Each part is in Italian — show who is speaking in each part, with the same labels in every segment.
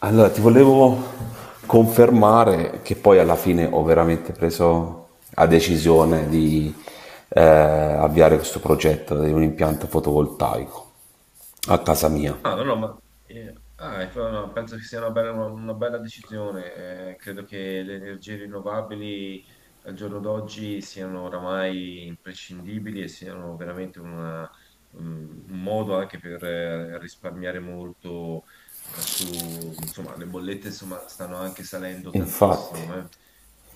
Speaker 1: Allora, ti volevo confermare che poi alla fine ho veramente preso la decisione di avviare questo progetto di un impianto fotovoltaico a casa mia.
Speaker 2: Ah, no, no, ma ah, ecco, no, no, penso che sia una bella, una bella decisione. Credo che le energie rinnovabili al giorno d'oggi siano oramai imprescindibili e siano veramente un modo anche per risparmiare molto su, insomma, le bollette, insomma, stanno anche salendo
Speaker 1: Infatti,
Speaker 2: tantissimo, eh.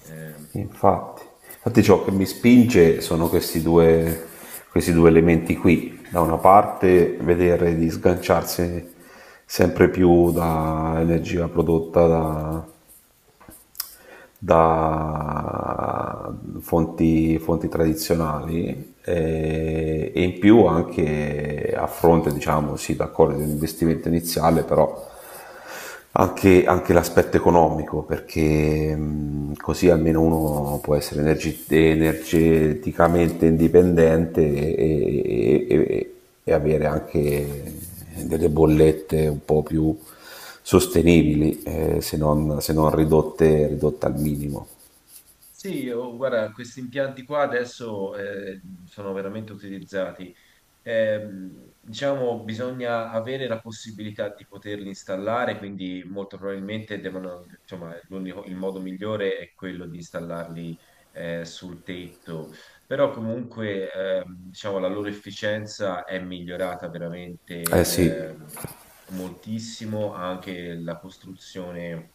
Speaker 2: Ehm,
Speaker 1: infatti, infatti ciò che mi spinge sono questi due elementi qui. Da una parte vedere di sganciarsi sempre più da energia prodotta da fonti tradizionali, e in più anche a fronte, diciamo, sì, d'accordo, di un investimento iniziale, però anche l'aspetto economico, perché così almeno uno può essere energeticamente indipendente e avere anche delle bollette un po' più sostenibili, se non ridotte, ridotte al minimo.
Speaker 2: sì, oh, guarda, questi impianti qua adesso sono veramente utilizzati. Diciamo, bisogna avere la possibilità di poterli installare, quindi molto probabilmente devono, insomma, il modo migliore è quello di installarli sul tetto, però comunque diciamo, la loro efficienza è migliorata
Speaker 1: Eh
Speaker 2: veramente
Speaker 1: sì,
Speaker 2: moltissimo, anche la costruzione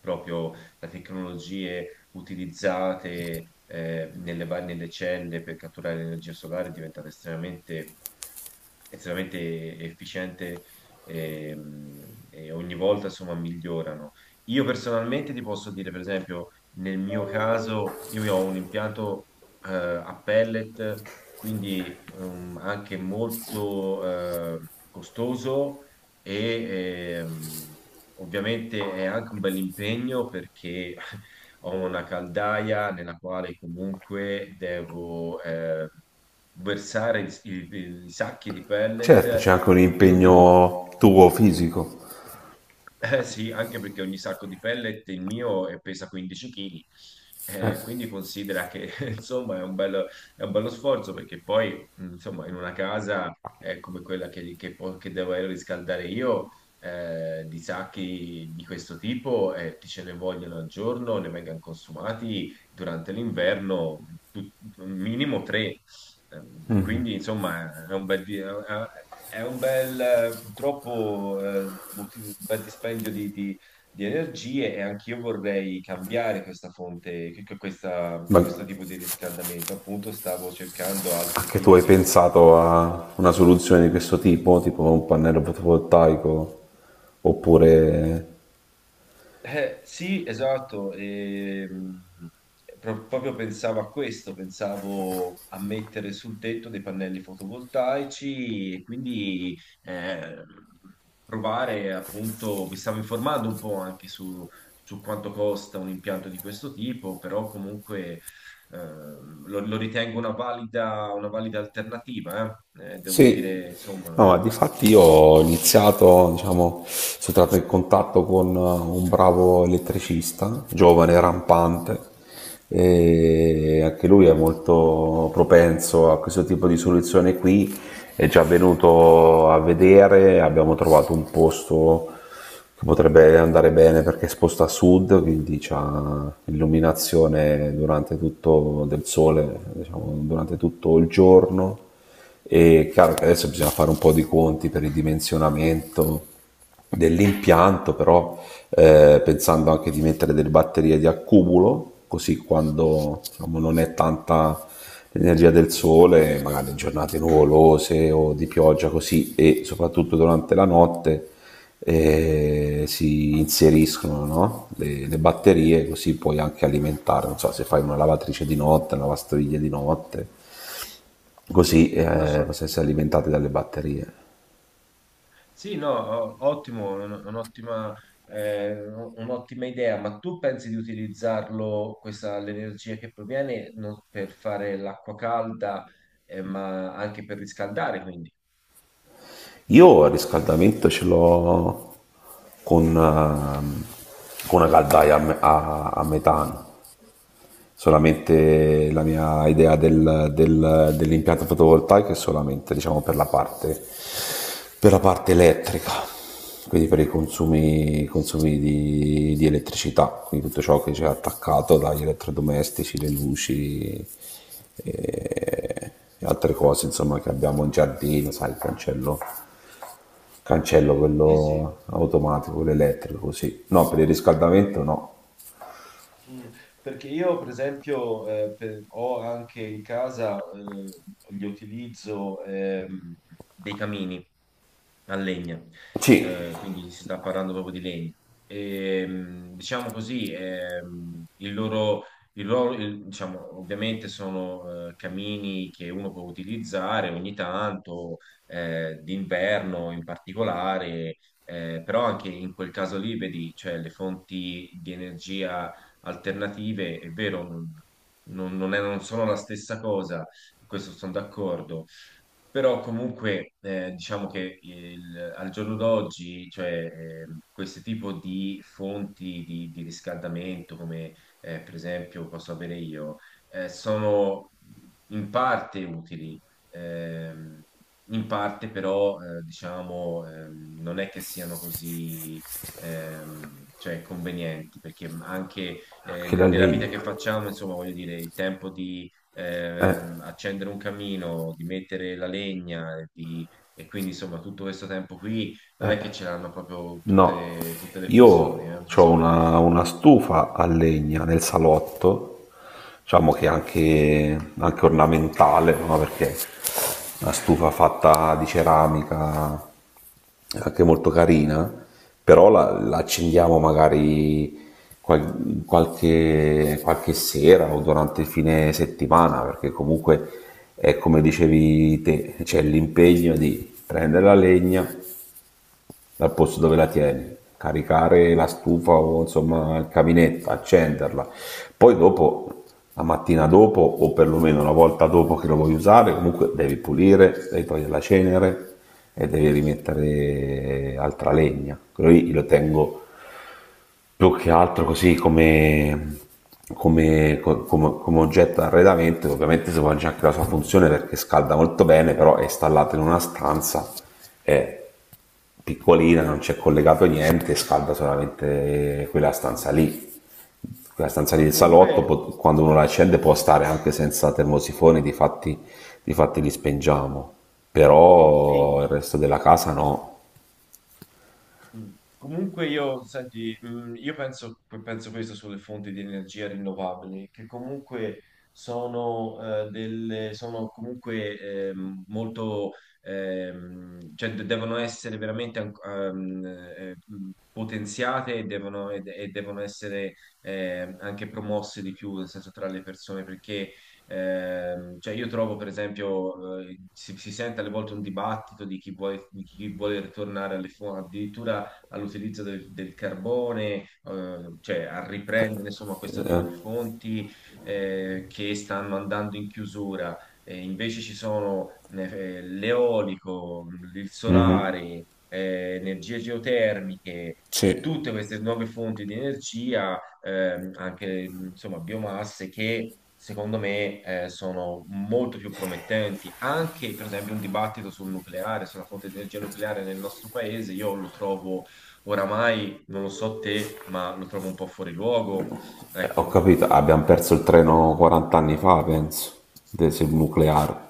Speaker 2: proprio da tecnologie utilizzate nelle celle per catturare l'energia solare è diventata estremamente efficiente. ehm, e, ogni volta, insomma, migliorano. Io personalmente ti posso dire, per esempio, nel mio caso, io ho un impianto a pellet, quindi anche molto costoso, e ovviamente è anche un bel impegno perché ho una caldaia nella quale comunque devo versare i sacchi di pellet,
Speaker 1: certo, c'è anche un
Speaker 2: e non ti dico.
Speaker 1: impegno tuo fisico,
Speaker 2: Eh sì, anche perché ogni sacco di pellet il mio pesa 15 kg, quindi considera che insomma è un bello sforzo perché poi insomma in una casa come quella che devo riscaldare io, di sacchi di questo tipo ti ce ne vogliono al giorno, ne vengono consumati durante l'inverno un minimo tre. Quindi, insomma, è un bel, purtroppo, un bel dispendio di energie, e anch'io vorrei cambiare questa fonte, che- che- questa-
Speaker 1: ma
Speaker 2: questo tipo di riscaldamento. Appunto, stavo cercando altri
Speaker 1: anche tu
Speaker 2: tipi
Speaker 1: hai
Speaker 2: di.
Speaker 1: pensato a una soluzione di questo tipo, tipo un pannello fotovoltaico, oppure?
Speaker 2: Sì, esatto, e, proprio pensavo a questo, pensavo a mettere sul tetto dei pannelli fotovoltaici, e quindi provare, appunto, mi stavo informando un po' anche su quanto costa un impianto di questo tipo, però comunque lo ritengo una valida alternativa, eh. Devo
Speaker 1: Sì,
Speaker 2: dire, insomma,
Speaker 1: no, difatti io ho iniziato, diciamo, sono entrato in contatto con, un bravo elettricista, giovane, rampante, e anche lui è molto propenso a questo tipo di soluzione qui, è già venuto a vedere, abbiamo trovato un posto, potrebbe andare bene perché è esposta a sud, quindi c'ha illuminazione durante tutto del sole, diciamo, durante tutto il giorno. E chiaro che adesso bisogna fare un po' di conti per il dimensionamento dell'impianto, però, pensando anche di mettere delle batterie di accumulo, così quando, diciamo, non è tanta l'energia del sole, magari in giornate nuvolose o di pioggia così, e soprattutto durante la notte e si inseriscono, no? Le batterie, così puoi anche alimentare, non so, se fai una lavatrice di notte, una lavastoviglie di notte, così,
Speaker 2: non so.
Speaker 1: possono essere alimentate dalle batterie.
Speaker 2: Sì, no, ottimo, un'ottima idea, ma tu pensi di utilizzarlo, questa, l'energia che proviene, per fare l'acqua calda, ma anche per riscaldare, quindi?
Speaker 1: Io il riscaldamento ce l'ho con una caldaia a, a metano, solamente la mia idea dell'impianto fotovoltaico è solamente, diciamo, per, per la parte elettrica, quindi per i consumi di elettricità, quindi tutto ciò che c'è attaccato dagli elettrodomestici, le luci e, e altre cose insomma, che abbiamo in giardino, sai, il cancello. Cancello
Speaker 2: Sì, sì.
Speaker 1: quello automatico, quello elettrico, sì. No, per il riscaldamento no.
Speaker 2: Mm, Perché io, per esempio, ho anche in casa, gli utilizzo dei camini a legna.
Speaker 1: Sì,
Speaker 2: Quindi si sta parlando proprio di legna. E, diciamo così, diciamo, ovviamente sono camini che uno può utilizzare ogni tanto, d'inverno in particolare, però anche in quel caso lì, vedi, cioè le fonti di energia alternative, è vero, non sono la stessa cosa, questo sono d'accordo, però comunque diciamo che al giorno d'oggi, cioè, questo tipo di fonti di riscaldamento, come per esempio posso avere io, sono in parte utili, ehm, in parte però diciamo non è che siano così cioè convenienti, perché anche
Speaker 1: anche la
Speaker 2: nella vita che
Speaker 1: legna.
Speaker 2: facciamo, insomma, voglio dire, il tempo di
Speaker 1: Eh,
Speaker 2: accendere un camino, di mettere la legna, e quindi insomma tutto questo tempo qui non è
Speaker 1: eh,
Speaker 2: che ce l'hanno proprio
Speaker 1: No,
Speaker 2: tutte le
Speaker 1: io
Speaker 2: persone
Speaker 1: ho
Speaker 2: disponibili.
Speaker 1: una stufa a legna nel salotto, diciamo che è anche, anche ornamentale, no? Perché è una stufa fatta di ceramica, è anche molto carina, però la, la accendiamo magari qualche, qualche sera o durante il fine settimana, perché comunque è come dicevi te, c'è l'impegno di prendere la legna, dal posto dove la tieni, caricare la stufa o insomma il caminetto, accenderla. Poi dopo, la mattina dopo o perlomeno una volta dopo che lo vuoi usare, comunque devi pulire, devi togliere la cenere e devi rimettere altra legna. Quello lì lo tengo più che altro così come, come, come oggetto d'arredamento, ovviamente si può anche la sua funzione perché scalda molto bene, però è installato in una stanza, è piccolina, non c'è collegato niente, scalda solamente quella stanza lì. Quella stanza lì
Speaker 2: Ma
Speaker 1: del salotto,
Speaker 2: comunque
Speaker 1: quando uno la accende può stare anche senza termosifone, difatti, difatti li spengiamo, però il
Speaker 2: sì.
Speaker 1: resto della casa no.
Speaker 2: Mm. Comunque io, senti, io penso questo sulle fonti di energia rinnovabili, che comunque sono, sono comunque molto cioè devono essere veramente potenziate, e devono essere anche promosse di più, nel senso tra le persone, perché. Cioè io trovo, per esempio, si sente alle volte un dibattito di chi vuole, ritornare alle fonti, addirittura all'utilizzo del carbone, cioè a riprendere insomma questo tipo di
Speaker 1: Eh?
Speaker 2: fonti che stanno andando in chiusura. Invece ci sono l'eolico, il solare, energie geotermiche.
Speaker 1: Sì.
Speaker 2: Tutte queste nuove fonti di energia, anche insomma biomasse, che secondo me, sono molto più promettenti. Anche, per esempio, un dibattito sul nucleare, sulla fonte di energia nucleare nel nostro paese, io lo trovo, oramai non lo so te, ma lo trovo un po' fuori luogo.
Speaker 1: Ho
Speaker 2: Ecco.
Speaker 1: capito, abbiamo perso il treno 40 anni fa, penso, del sul nucleare.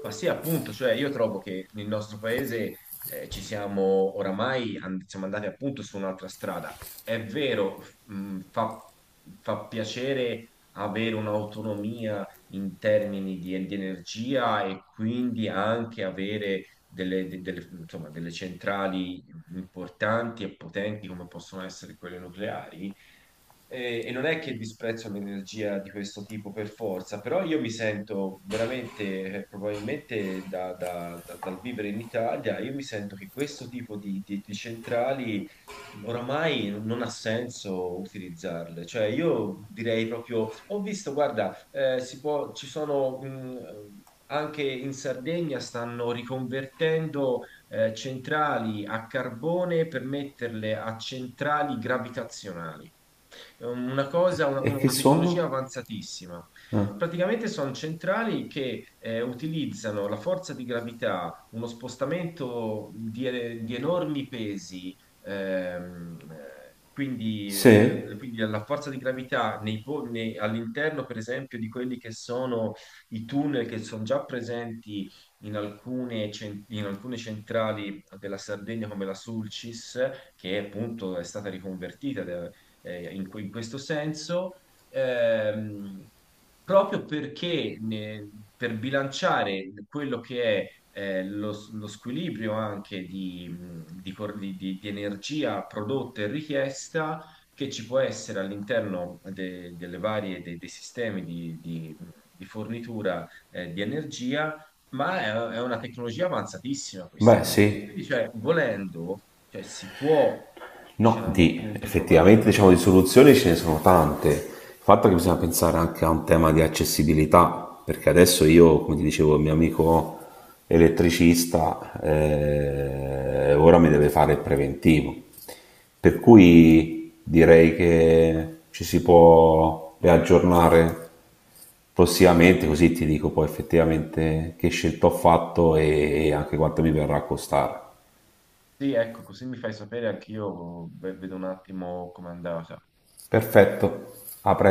Speaker 2: Ma sì, appunto, cioè io trovo che nel nostro paese ci siamo oramai siamo andati appunto su un'altra strada. È vero, fa piacere avere un'autonomia in termini di energia, e quindi anche avere delle, insomma, delle centrali importanti e potenti come possono essere quelle nucleari. E non è che disprezzo l'energia di questo tipo per forza, però io mi sento veramente, probabilmente dal vivere in Italia, io mi sento che questo tipo di centrali oramai non ha senso utilizzarle. Cioè io direi proprio, ho visto, guarda, si può, ci sono. Anche in Sardegna stanno riconvertendo centrali a carbone per metterle a centrali gravitazionali. È un- una cosa, una,
Speaker 1: E che
Speaker 2: una tecnologia
Speaker 1: sono?
Speaker 2: avanzatissima. Praticamente sono centrali che utilizzano la forza di gravità, uno spostamento di enormi pesi, ehm, eh, quindi,
Speaker 1: Se?
Speaker 2: eh, quindi la forza di gravità all'interno, per esempio, di quelli che sono i tunnel che sono già presenti in alcune centrali della Sardegna come la Sulcis, che appunto è stata riconvertita in questo senso, ehm, proprio perché per bilanciare quello che è lo squilibrio anche di cor- di energia prodotta e richiesta, che ci può essere all'interno delle varie, dei sistemi di fornitura di energia, ma è una tecnologia avanzatissima, questa
Speaker 1: Beh,
Speaker 2: qui.
Speaker 1: sì.
Speaker 2: Quindi, cioè, volendo, cioè, si può,
Speaker 1: No,
Speaker 2: diciamo,
Speaker 1: di,
Speaker 2: appunto trovare,
Speaker 1: effettivamente
Speaker 2: no?
Speaker 1: diciamo di soluzioni ce ne sono tante. Il fatto è che bisogna pensare anche a un tema di accessibilità, perché adesso io, come ti dicevo, il mio amico elettricista, ora mi deve fare il preventivo. Per cui direi che ci si può riaggiornare prossimamente, così ti dico poi effettivamente che scelta ho fatto e anche quanto mi verrà a costare.
Speaker 2: Sì, ecco, così mi fai sapere anch'io, vedo un attimo com'è andata.
Speaker 1: Perfetto, a presto.